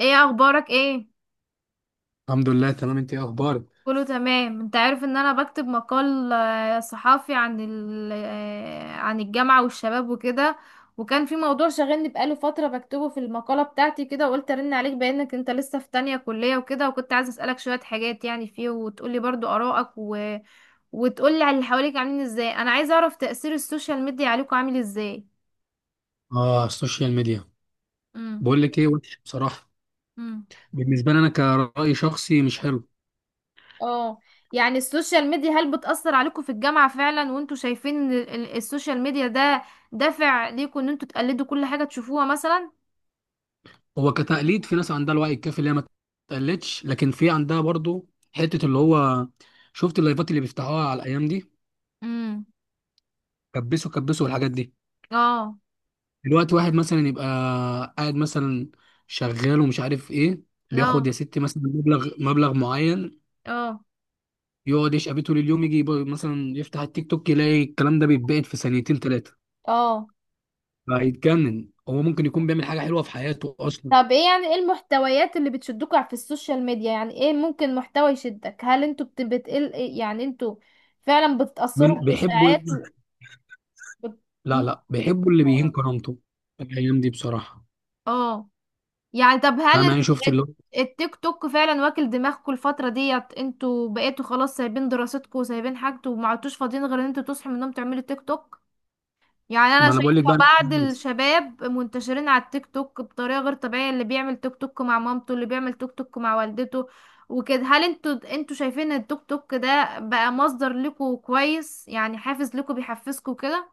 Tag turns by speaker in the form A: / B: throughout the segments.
A: ايه اخبارك ايه؟
B: الحمد لله تمام. انت ايه اخبارك؟
A: كله تمام. انت عارف ان انا بكتب مقال صحافي عن ال... آه، عن الجامعة والشباب وكده، وكان في موضوع شاغلني بقاله فترة بكتبه في المقالة بتاعتي كده، وقلت ارن عليك بانك انت لسه في تانية كلية وكده، وكنت عايزة اسألك شوية حاجات يعني فيه، وتقولي برضو آرائك، وتقولي على اللي حواليك عاملين ازاي. انا عايزة اعرف تأثير السوشيال ميديا عليكم عامل ازاي؟
B: اه، السوشيال ميديا. بقول لك ايه، وحش بصراحه.
A: امم.
B: بالنسبه لي انا كرأي شخصي مش حلو.
A: اه. يعني السوشيال ميديا هل بتأثر عليكم في الجامعة فعلا، وانتوا شايفين ان السوشيال ميديا ده دافع ليكم ان انتوا تقلدوا كل حاجة تشوفوها مثلا؟
B: هو كتقليد في ناس عندها الوعي الكافي اللي هي ما تقلدش، لكن في عندها برضو حته اللي هو شفت اللايفات اللي بيفتحوها على الايام دي.
A: امم.
B: كبسوا الحاجات دي.
A: اه.
B: دلوقتي واحد مثلا يبقى قاعد مثلا شغال ومش عارف ايه، بياخد
A: اه.
B: يا ستي مثلا مبلغ معين،
A: اه.
B: يقعد يشقى بيه طول اليوم، يجي يبقى مثلا يفتح التيك توك يلاقي الكلام ده بيتباعد في ثانيتين ثلاثه،
A: اه.
B: هيتجنن. هو ممكن يكون بيعمل حاجه حلوه في حياته اصلا.
A: طب ايه، يعني ايه المحتويات اللي بتشدكوا في السوشيال ميديا؟ يعني ايه ممكن محتوى يشدك؟ هل انتوا بتقل، يعني انتوا فعلا بتتأثروا
B: من بيحبوا؟
A: بالإشاعات و... بت...
B: لا لا، بيحبوا اللي بيهين كرامته الايام دي بصراحه.
A: اه. يعني طب هل
B: فاهم؟ يعني شفت اللي هو،
A: التيك توك فعلا واكل دماغكم الفترة ديت؟ انتوا بقيتوا خلاص سايبين دراستكم وسايبين حاجتكم، وما عدتوش فاضيين غير ان انتوا تصحوا من النوم تعملوا تيك توك. يعني انا
B: ما انا بقول
A: شايفة
B: لك بقى.
A: بعض الشباب منتشرين على التيك توك بطريقة غير طبيعية، اللي بيعمل تيك توك مع مامته، اللي بيعمل تيك توك مع والدته وكده. هل انتوا شايفين ان التيك توك ده بقى مصدر لكم كويس، يعني حافز لكم بيحفزكم كده؟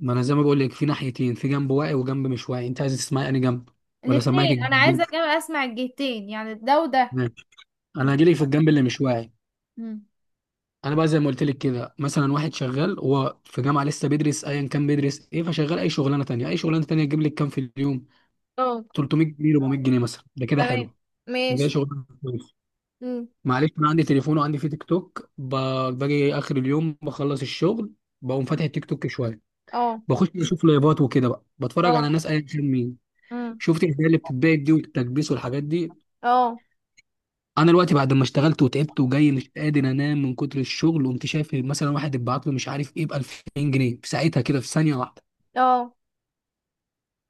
B: ما انا زي ما بقول لك، في ناحيتين، في جنب واعي وجنب مش واعي، انت عايز تسمعي انهي جنب؟ ولا سمعك
A: الاتنين، انا
B: الجنبين؟
A: عايزة أجي اسمع الجهتين، يعني ده وده.
B: ماشي،
A: م-
B: انا هجيلك في الجنب اللي مش واعي.
A: م.
B: انا بقى زي ما قلت لك كده، مثلا واحد شغال، هو في جامعه لسه بيدرس ايا كان بيدرس ايه، فشغال اي شغلانه تانيه، اي شغلانه تانيه تجيب لك كام في اليوم؟ 300 جنيه، 400 جنيه مثلا، ده كده
A: تمام.
B: حلو. ده
A: ماشي.
B: شغلانه.
A: امم.
B: معلش، انا عندي تليفون وعندي فيه تيك توك، باجي اخر اليوم بخلص الشغل، بقوم
A: مم.
B: فاتح التيك توك شويه،
A: اه.
B: بخش اشوف لايفات وكده بقى، بتفرج على
A: اه.
B: ناس ايا كان مين.
A: امم.
B: شفت الهدايا اللي بتتباع دي والتكبيس والحاجات دي،
A: اه.
B: انا دلوقتي بعد ما اشتغلت وتعبت وجاي مش قادر انام من كتر الشغل، قمت شايف مثلا واحد اتبعت له مش عارف ايه ب 2000 جنيه في ساعتها كده في ثانيه واحده،
A: اه.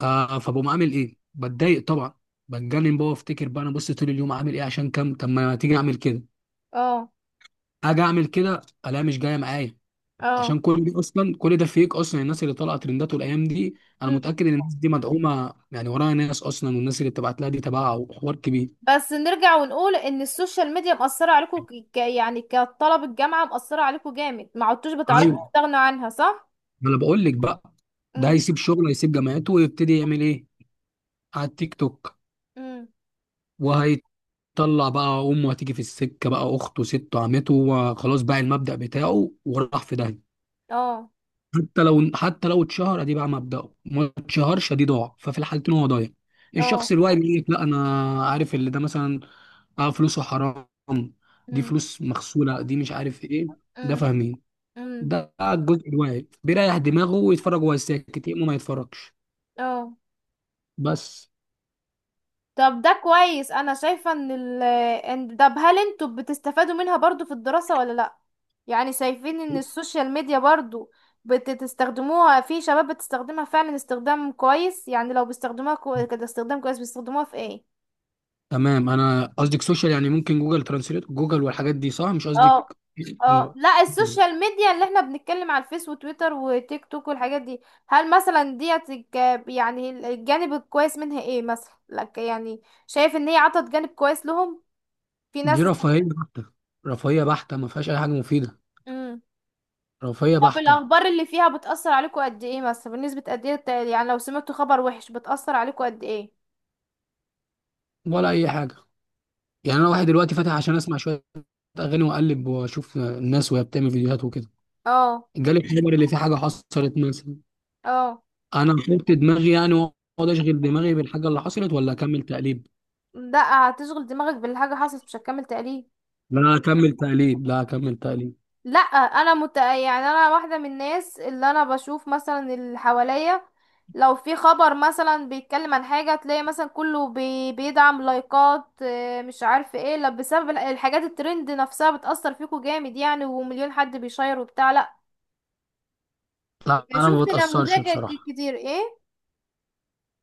B: آه، فبقوم عامل ايه؟ بتضايق طبعا، بتجنن بقى، وافتكر بقى انا بص طول اليوم عامل ايه عشان كام. طب ما تيجي اعمل كده،
A: اه.
B: اجي اعمل كده الاقيها مش جايه معايا.
A: اه.
B: عشان كل دي اصلا، كل ده فيك اصلا. الناس اللي طالعه ترنداته الايام دي انا
A: مم.
B: متاكد ان الناس دي مدعومه، يعني وراها ناس اصلا، والناس اللي بتبعت لها دي تبعها وحوار كبير.
A: بس نرجع ونقول ان السوشيال ميديا مأثرة عليكم يعني كطلب الجامعة مأثرة عليكم جامد، ما عدتوش
B: ايوه،
A: بتعرفوا تستغنوا عنها، صح؟
B: ما انا بقول لك بقى. ده
A: امم.
B: هيسيب شغله، هيسيب جامعته، ويبتدي يعمل ايه على التيك توك.
A: امم.
B: وهيطلع بقى، امه هتيجي في السكه بقى، اخته، سته، عمته، وخلاص بقى المبدا بتاعه وراح في داهيه.
A: اه.
B: حتى لو حتى لو اتشهر ادي بقى مبدأه، ما اتشهرش ادي ضاع، ففي الحالتين هو ضايع.
A: اه.
B: الشخص الواعي بيقول لك لا، انا عارف اللي ده مثلا، اه، فلوسه حرام، دي
A: امم.
B: فلوس مغسولة، دي مش عارف ايه، ده
A: امم.
B: فاهمين.
A: امم.
B: ده الجزء الواعي، بيريح دماغه ويتفرج وهو ساكت، يقوم ما يتفرجش.
A: اه.
B: بس.
A: طب ده كويس، انا شايفة ان طب هل انتوا بتستفادوا منها برضو في الدراسة ولا لا؟ يعني شايفين ان السوشيال ميديا برضو بتستخدموها في شباب بتستخدمها فعلا استخدام كويس؟ يعني لو بيستخدموها كده استخدام كويس، بيستخدموها في ايه؟
B: تمام، انا قصدك سوشيال؟ يعني ممكن جوجل ترانسليت، جوجل، والحاجات دي، صح؟ مش
A: اه.
B: قصدك؟
A: اه. لا، السوشيال ميديا اللي احنا بنتكلم على الفيس وتويتر وتيك توك والحاجات دي. هل مثلا ديت يعني الجانب الكويس منها ايه مثلا لك؟ يعني شايف ان هي عطت جانب كويس لهم، في
B: دي
A: ناس.
B: رفاهية بحتة، رفاهية بحتة، ما فيهاش اي حاجة مفيدة،
A: است...
B: رفاهية
A: طب
B: بحتة،
A: الأخبار اللي فيها بتأثر عليكم قد ايه مثلا؟ بنسبة قد ايه يعني لو سمعتوا خبر وحش بتأثر عليكم قد ايه؟
B: ولا اي حاجة. يعني انا واحد دلوقتي فاتح عشان اسمع شوية اغاني واقلب واشوف الناس وهي بتعمل فيديوهات وكده،
A: اه.
B: جالي خبر اللي فيه حاجة حصلت مثلا.
A: اه.
B: انا فهمت دماغي يعني، واقعد اشغل دماغي بالحاجه اللي حصلت، ولا اكمل تقليب؟
A: لا، هتشغل دماغك بالحاجة حصلت، مش هتكمل تقليل.
B: لا اكمل تقليب، لا اكمل تقليب.
A: لا، انا يعني انا واحدة من الناس اللي انا بشوف مثلا اللي حواليا، لو في خبر مثلا بيتكلم عن حاجة، تلاقي مثلا كله بيدعم لايكات مش عارف ايه، لا بسبب الحاجات الترند نفسها بتأثر فيكم جامد، يعني ومليون حد بيشير وبتاع، لا؟
B: لا،
A: يعني
B: انا ما
A: شفت
B: بتاثرش
A: نموذج
B: بصراحه،
A: كتير ايه.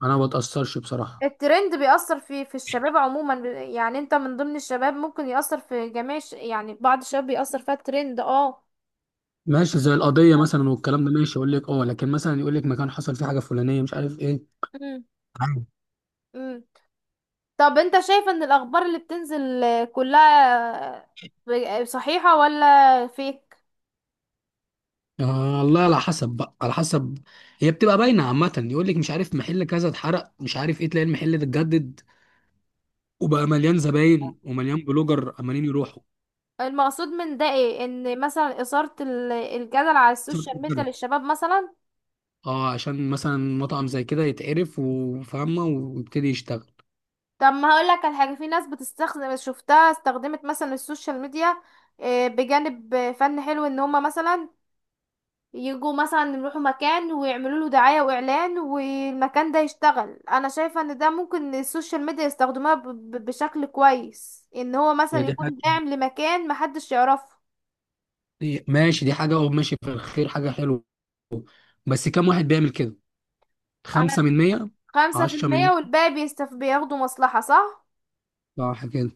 B: انا ما بتاثرش بصراحه.
A: الترند بيأثر في الشباب عموما، يعني انت من ضمن الشباب ممكن يأثر في جميع يعني بعض الشباب بيأثر فيها الترند. اه.
B: ماشي زي القضيه مثلا والكلام ده، ماشي، اقول لك اه، لكن مثلا يقول لك مكان حصل فيه حاجه فلانيه مش عارف ايه،
A: مم.
B: عادي.
A: مم. طب انت شايف ان الأخبار اللي بتنزل كلها صحيحة ولا فيك؟
B: آه، الله، على حسب بقى، على حسب. هي بتبقى باينه عامه، يقول لك مش عارف محل كذا اتحرق مش عارف ايه، تلاقي المحل ده اتجدد، وبقى مليان زباين ومليان بلوجر عمالين يروحوا.
A: المقصود من ده ايه؟ ان مثلا إثارة الجدل على السوشيال ميديا للشباب مثلا.
B: اه، عشان مثلا مطعم زي كده يتعرف وفاهمة، ويبتدي يشتغل.
A: طب ما هقولك على حاجة، في ناس بتستخدم، شفتها استخدمت مثلا السوشيال ميديا بجانب فن حلو، ان هما مثلا يجوا مثلا يروحوا مكان ويعملوا له دعاية واعلان، والمكان ده يشتغل. انا شايفة ان ده ممكن السوشيال ميديا يستخدموها بشكل كويس، ان هو مثلا
B: هي دي حاجة،
A: يكون داعم لمكان محدش يعرفه.
B: ماشي، دي حاجة، اه، ماشي، في الخير حاجة حلوة. بس كم واحد بيعمل كده؟
A: انا،
B: 5%.
A: خمسة في
B: عشرة
A: المية
B: من.
A: والباقي بيستف بياخدوا مصلحة، صح؟
B: صح كده.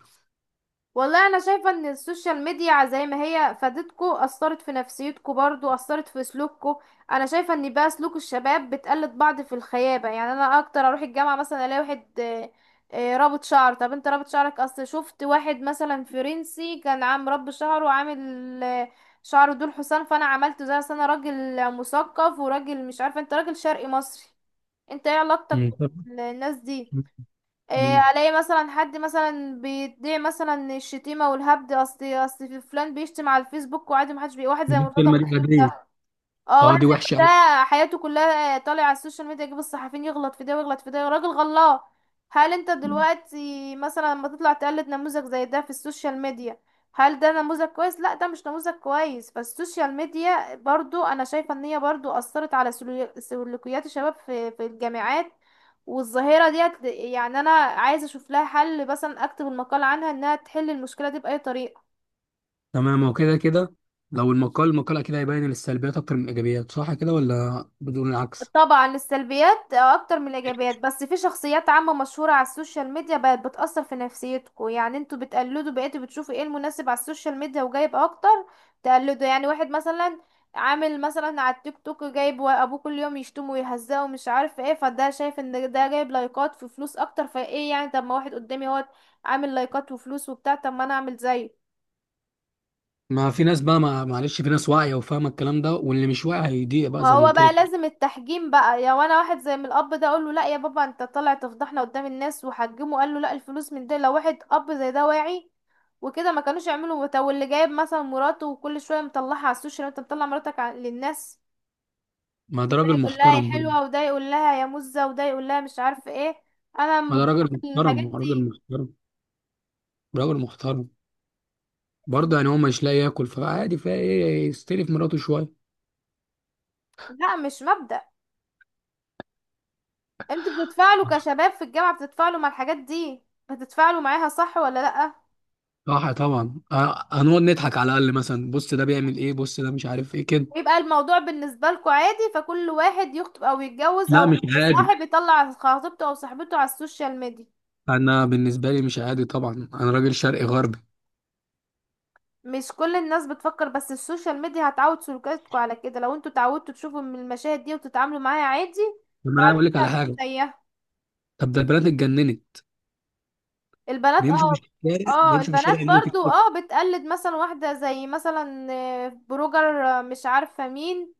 A: والله انا شايفه ان السوشيال ميديا زي ما هي فادتكو، اثرت في نفسيتكو برضو، اثرت في سلوككو. انا شايفه ان بقى سلوك الشباب بتقلد بعض في الخيابه، يعني انا اكتر اروح الجامعه مثلا الاقي واحد رابط شعر. طب انت رابط شعرك؟ اصل شفت واحد مثلا فرنسي كان عام رب شعره وعامل آه، شعره دول حسام، فانا عملته زي، أصل انا راجل مثقف وراجل مش عارفه. انت راجل شرقي مصري، انت ايه علاقتك
B: مم.
A: بالناس دي؟ إيه،
B: مم.
A: الاقي مثلا حد مثلا بيدعي مثلا الشتيمه والهبد، اصل في فلان بيشتم على الفيسبوك وعادي محدش بي، واحد
B: دي
A: زي مرتضى
B: الكلمة دي
A: منصور
B: غبية.
A: ده. اه،
B: اه،
A: واحد
B: دي
A: زي
B: وحشة
A: ما
B: أوي.
A: ده حياته كلها طالع على السوشيال ميديا، يجيب الصحفيين يغلط في ده ويغلط في ده، راجل غلط. هل انت دلوقتي مثلا لما تطلع تقلد نموذج زي ده في السوشيال ميديا، هل ده نموذج كويس؟ لا ده مش نموذج كويس. فالسوشيال ميديا برضو انا شايفة ان هي برضو اثرت على سلوكيات الشباب في الجامعات، والظاهرة ديت يعني انا عايزة اشوف لها حل، مثلا اكتب المقال عنها انها تحل المشكلة دي بأي طريقة.
B: تمام، هو كده كده. لو المقال، المقال أكيد هيبين السلبيات أكتر من الإيجابيات، صح كده ولا بدون العكس؟
A: طبعا السلبيات اكتر من الايجابيات، بس في شخصيات عامة مشهورة على السوشيال ميديا بقت بتأثر في نفسيتكم، يعني انتوا بتقلدوا، بقيتوا بتشوفوا ايه المناسب على السوشيال ميديا وجايب اكتر تقلدوا، يعني واحد مثلا عامل مثلا على التيك توك جايب ابوه كل يوم يشتمه ويهزقه ومش عارف ايه، فده شايف ان ده جايب لايكات في فلوس اكتر، فايه يعني طب ما واحد قدامي هو عامل لايكات وفلوس وبتاع، طب ما انا اعمل زيه.
B: ما في ناس بقى، ما معلش، في ناس واعية وفاهمة الكلام ده، واللي مش واعي هيضيق بقى زي ما
A: وهو
B: قلت
A: بقى
B: لك.
A: لازم التحجيم بقى، يا وانا واحد زي من الاب ده اقول له لا يا بابا انت طالع تفضحنا قدام الناس وحجمه، قال له لا الفلوس من ده. لو واحد اب زي ده واعي وكده ما كانوش يعملوا. طب واللي جايب مثلا مراته وكل شويه مطلعها على السوشيال، انت مطلع مراتك للناس،
B: ما ده
A: ده
B: راجل
A: يقول لها يا
B: محترم برضه،
A: حلوه، وده يقول لها يا مزه، وده يقول لها مش عارفه ايه.
B: ما
A: انا
B: ده
A: ضد
B: راجل محترم،
A: الحاجات
B: هو راجل
A: دي.
B: محترم، راجل محترم، برضه يعني هو مش لاقي ياكل فعادي، فايه يستلف مراته شويه.
A: لا، مش مبدأ. انتوا بتتفاعلوا كشباب في الجامعه، بتتفاعلوا مع الحاجات دي، بتتفاعلوا معاها صح ولا لا؟
B: صح طبعا، آه، هنقعد نضحك على الاقل، مثلا بص ده بيعمل ايه، بص ده مش عارف ايه كده.
A: ويبقى الموضوع بالنسبة لكم عادي، فكل واحد يخطب او يتجوز او
B: لا، مش عادي.
A: صاحب يطلع خطيبته او صاحبته على السوشيال ميديا؟
B: انا بالنسبه لي مش عادي طبعا، انا راجل شرقي غربي.
A: مش كل الناس بتفكر، بس السوشيال ميديا هتعود سلوكاتكم على كده، لو انتوا اتعودتوا تشوفوا من المشاهد دي وتتعاملوا معاها عادي
B: طب انا
A: بعد
B: اقول لك
A: كده
B: على
A: هتبقوا
B: حاجه،
A: زيها.
B: طب ده البنات اتجننت.
A: البنات،
B: بيمشوا في
A: اه.
B: الشارع،
A: اه،
B: بيمشوا في الشارع
A: البنات
B: يعملوا تيك
A: برضو
B: توك.
A: اه، بتقلد مثلا واحدة زي مثلا بلوجر مش عارفة مين،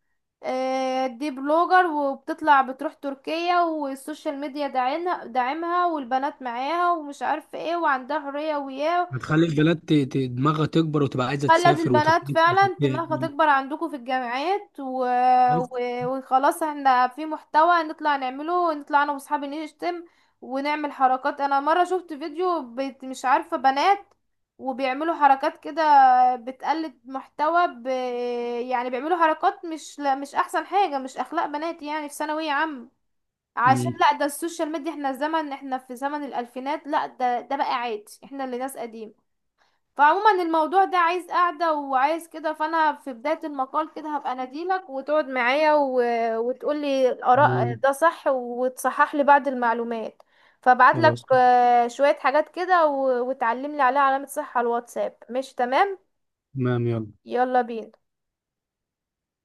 A: دي بلوجر وبتطلع بتروح تركيا، والسوشيال ميديا داعينها داعمها، والبنات معاها ومش عارفة ايه وعندها حرية وياه.
B: هتخلي البنات دماغها تكبر، وتبقى عايزه
A: خلت
B: تسافر
A: البنات
B: وتتنطط
A: فعلا دماغها
B: وتعمل.
A: تكبر عندكم في الجامعات
B: بس.
A: و... وخلاص احنا في محتوى نطلع نعمله، نطلع انا واصحابي نشتم ونعمل حركات. انا مرة شفت فيديو مش عارفة بنات وبيعملوا حركات كده، بتقلد محتوى يعني بيعملوا حركات مش، لا مش احسن حاجة، مش اخلاق بنات يعني في ثانوية عامة. عشان
B: مم.
A: لا ده السوشيال ميديا، احنا زمن، احنا في زمن الالفينات، لا ده ده بقى عادي، احنا اللي ناس قديم. فعموما الموضوع ده عايز قعدة وعايز كده، فأنا في بداية المقال كده هبقى أناديلك، وتقعد معايا وتقولي الآراء
B: مم.
A: ده صح وتصحح لي بعض المعلومات. فابعتلك
B: خلاص،
A: شوية حاجات كده وتعلملي عليها علامة صح على الواتساب، مش تمام؟
B: تمام، يلا.
A: يلا بينا.